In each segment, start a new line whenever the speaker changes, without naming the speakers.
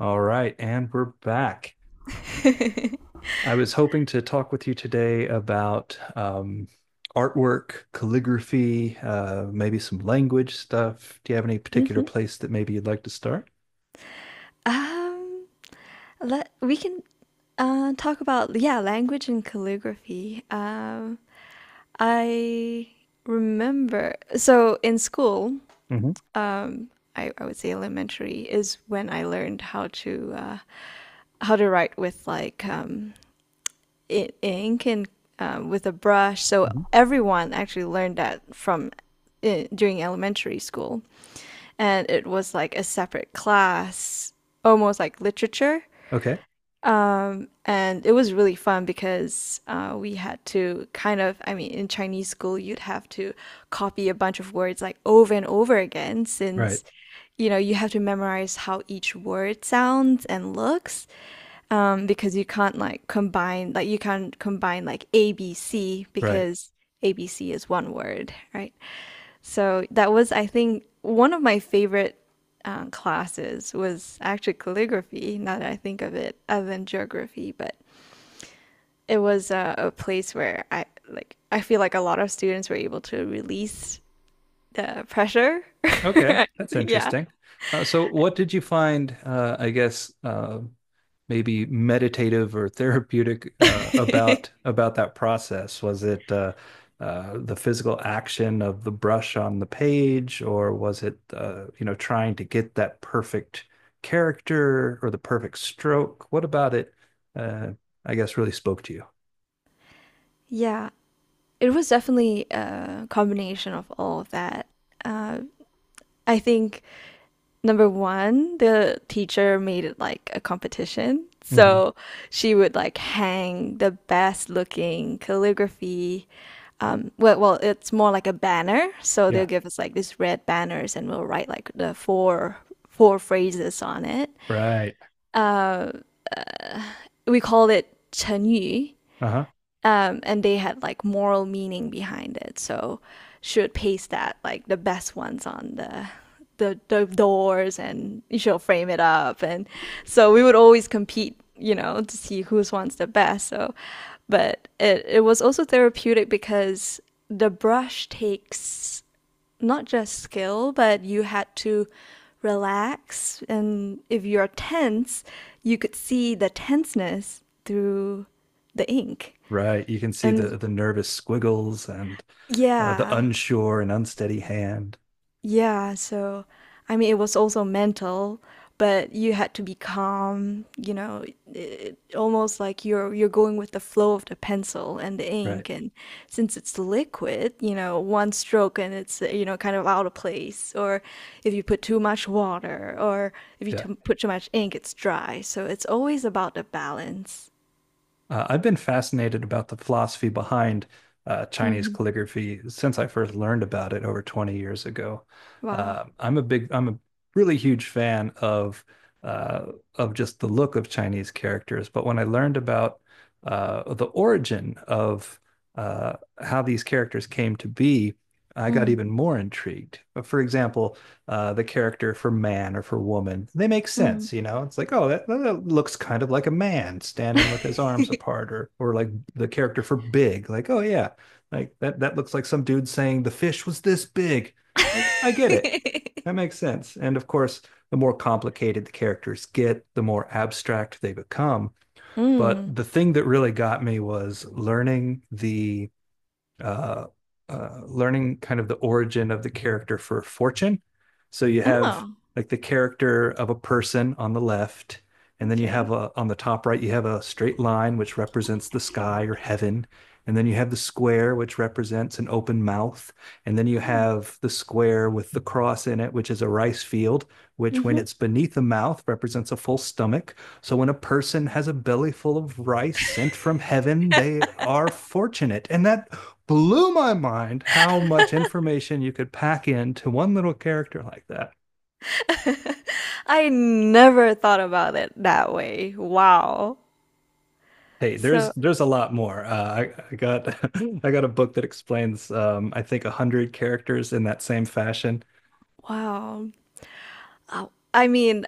All right, and we're back. I was hoping to talk with you today about artwork, calligraphy, maybe some language stuff. Do you have any particular
hmm
place that maybe you'd like to start?
Um, let we can talk about, yeah, language and calligraphy. I remember, so in school,
Hmm
I would say elementary is when I learned how to write with, like, ink and, with a brush. So
hmm
everyone actually learned that from, during elementary school, and it was like a separate class, almost like literature.
Okay,
And it was really fun because, we had to kind of, I mean, in Chinese school, you'd have to copy a bunch of words like over and over again
right,
since, you know, you have to memorize how each word sounds and looks, because you can't like combine, like you can't combine like A, B, C
right.
because A, B, C is one word, right? So that was, I think, one of my favorite classes was actually calligraphy. Now that I think of it, other than geography, but it was a place where I, like, I feel like a lot of students were able to release the pressure.
Okay, that's
yeah,
interesting. So, what did you find, I guess, maybe meditative or therapeutic about that process? Was it the physical action of the brush on the page, or was it you know trying to get that perfect character or the perfect stroke? What about it? Uh, I guess really spoke to you.
yeah. It was definitely a combination of all of that. Uh, I think number one, the teacher made it like a competition.
Mhm.
So she would like hang the best looking calligraphy. Well, it's more like a banner. So they'll
Yeah.
give us like these red banners and we'll write like the four phrases on it.
Right.
We called it 成语,
Uh-huh.
and they had like moral meaning behind it. So she would paste that, like the best ones, on the doors, and she'll frame it up, and so we would always compete, you know, to see whose one's the best. So, but it was also therapeutic because the brush takes not just skill, but you had to relax, and if you're tense, you could see the tenseness through the ink
Right. You can see
and
the nervous squiggles and the
yeah,
unsure and unsteady hand.
yeah. So, I mean, it was also mental, but you had to be calm, you know, it, almost like you're going with the flow of the pencil and the
Right.
ink, and since it's liquid, you know, one stroke and it's, you know, kind of out of place, or if you put too much water, or if you
Yeah.
put too much ink, it's dry. So it's always about the balance.
I've been fascinated about the philosophy behind Chinese
Hmm.
calligraphy since I first learned about it over 20 years ago.
Wow.
I'm a really huge fan of just the look of Chinese characters. But when I learned about the origin of uh, how these characters came to be, I got
Mm,
even more intrigued. For example, the character for man or for woman. They make sense,
mm.
you know. It's like, oh, that looks kind of like a man standing with his arms apart, or like the character for big, like, oh yeah, like that looks like some dude saying the fish was this big. Like, I get it. That makes sense. And of course, the more complicated the characters get, the more abstract they become. But
Mm.
the thing that really got me was learning the uh, learning kind of the origin of the character for fortune. So you have
Oh,
like the character of a person on the left, and then you
okay.
have on the top right, you have a straight line which represents the sky or heaven. And then you have the square, which represents an open mouth. And then you
Huh.
have the square with the cross in it, which is a rice field, which, when
Mhm.
it's beneath the mouth, represents a full stomach. So, when a person has a belly full of rice sent from heaven, they are fortunate. And that blew my mind how much information you could pack into one little character like that.
I never thought about it that way. Wow.
Hey, there's
So,
there's a lot more. I got I got a book that explains I think a hundred characters in that same fashion.
wow. I mean,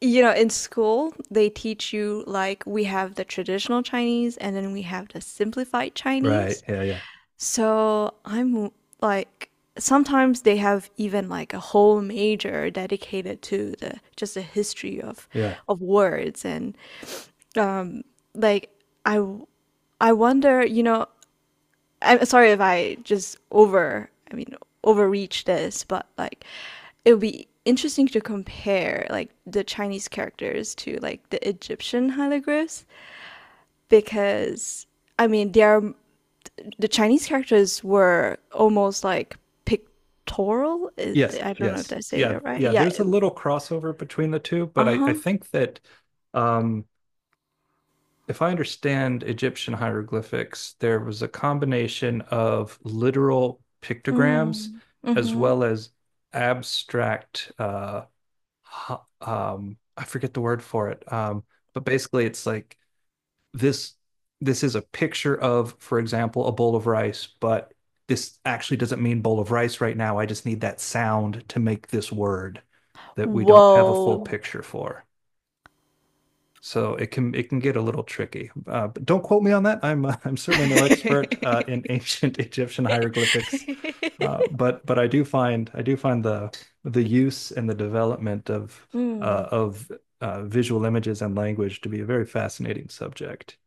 you know, in school, they teach you like we have the traditional Chinese and then we have the simplified
Right.
Chinese.
Yeah. Yeah.
So, I'm like, sometimes they have even like a whole major dedicated to the just the history
Yeah.
of words and um like I w- I wonder, you know, I'm sorry if I just I mean, overreach this, but like it would be interesting to compare like the Chinese characters to like the Egyptian hieroglyphs because, I mean, they are, the Chinese characters were almost like pictorial.
Yes.
I don't know if
Yes.
I say
Yeah.
it right.
Yeah.
Yeah.
There's a little crossover between the two, but I
Uh-huh.
think that um, if I understand Egyptian hieroglyphics, there was a combination of literal pictograms
Mm.
as
Mm-hmm.
well as abstract I forget the word for it. But basically it's like this this is a picture of, for example, a bowl of rice, but this actually doesn't mean bowl of rice right now. I just need that sound to make this word that we don't have a full
Whoa.
picture for. So it can get a little tricky. But don't quote me on that. I'm I'm certainly no expert in ancient Egyptian hieroglyphics, but I do find the use and the development of uh,
mm.
of visual images and language to be a very fascinating subject.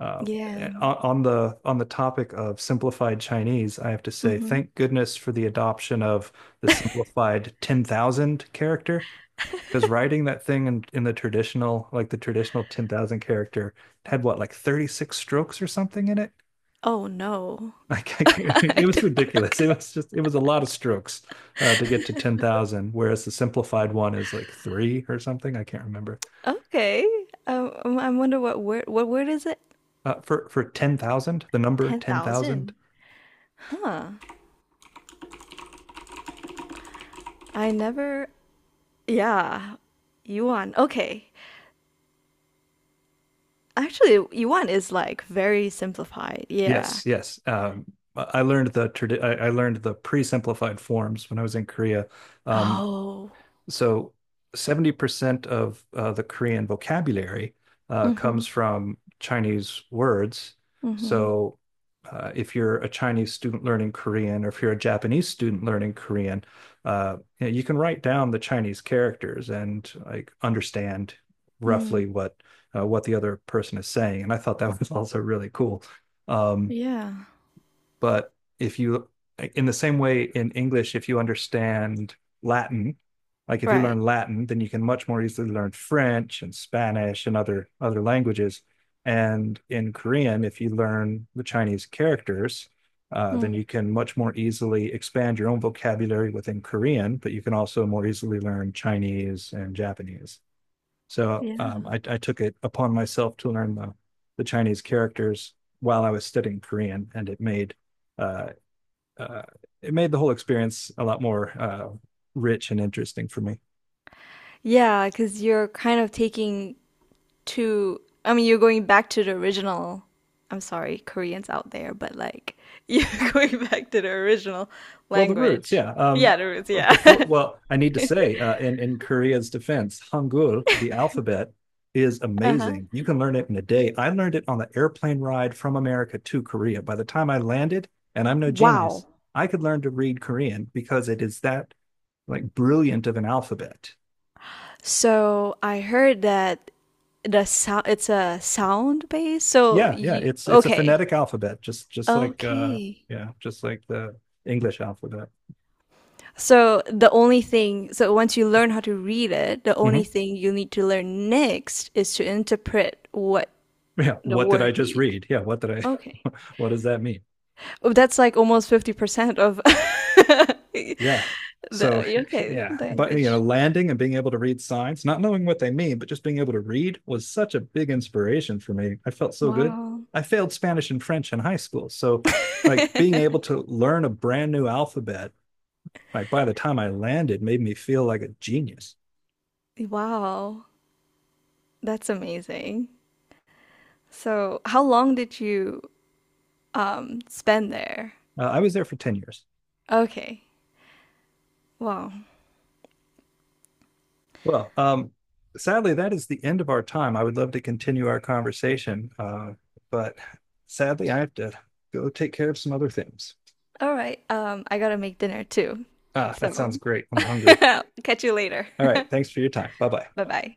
Uh,
Yeah.
on the on the topic of simplified Chinese, I have to say
Mm-hmm.
thank goodness for the adoption of the simplified 10,000 character because writing that thing in the traditional, like the traditional 10,000 character had what, like 36 strokes or something in it?
Oh no.
Like, I can't, it
I
was
don't.
ridiculous. It was just, it was a lot of strokes to get to 10,000, whereas the simplified one is like three or something. I can't remember.
Okay. I wonder what word is it?
For 10,000, the number 10,000.
10,000. Huh. I never. Yeah. Yuan. Okay. Actually, yuan is like very simplified. Yeah.
Yes, yes. I learned the I learned the pre-simplified forms when I was in Korea. Um,
Oh.
So 70% of the Korean vocabulary
Mm-hmm.
comes from Chinese words.
Mm-hmm.
So if you're a Chinese student learning Korean, or if you're a Japanese student learning Korean, you know, you can write down the Chinese characters and like understand roughly
Mm.
what the other person is saying. And I thought that was also really cool. Um,
Yeah.
but if you, in the same way in English, if you understand Latin, like if you
Right.
learn Latin, then you can much more easily learn French and Spanish and other languages. And in Korean, if you learn the Chinese characters, then
Mm.
you can much more easily expand your own vocabulary within Korean, but you can also more easily learn Chinese and Japanese. So um,
Yeah.
I, I took it upon myself to learn the Chinese characters while I was studying Korean, and uh, uh, it made the whole experience a lot more rich and interesting for me.
Yeah, because you're kind of taking, to I mean you're going back to the original, I'm sorry, Koreans out there, but like, you're going back to the original
Well, the roots,
language.
yeah.
Yeah, the roots, yeah.
I need to say, in Korea's defense, Hangul, the alphabet, is
Uh-huh.
amazing. You can learn it in a day. I learned it on the airplane ride from America to Korea. By the time I landed, and I'm no
Wow.
genius, I could learn to read Korean because it is that like brilliant of an alphabet.
So I heard that the sound, it's a sound base. So
Yeah, yeah,
you,
it's a
okay.
phonetic alphabet, just like
Okay.
yeah, just like the English alphabet.
So the only thing, so once you learn how to read it, the
Hmm
only thing you need to learn next is to interpret what
Yeah,
the
what did I
word
just
is.
read? Yeah, what did
Okay.
I what does that mean?
Oh, that's like almost 50% of the
Yeah. So
UK
yeah, but you know,
language.
landing and being able to read signs, not knowing what they mean, but just being able to read was such a big inspiration for me. I felt so good.
Wow.
I failed Spanish and French in high school. So like being able to learn a brand new alphabet, like by the time I landed made me feel like a genius.
wow. That's amazing. So, how long did you spend there?
I was there for 10 years.
Okay. Wow.
Well, um, sadly, that is the end of our time. I would love to continue our conversation, but sadly, I have to go take care of some other things.
All right. Um, I got to make dinner too.
Ah, that
So,
sounds great. I'm hungry.
catch you later.
All right. Thanks for your time. Bye bye.
Bye-bye.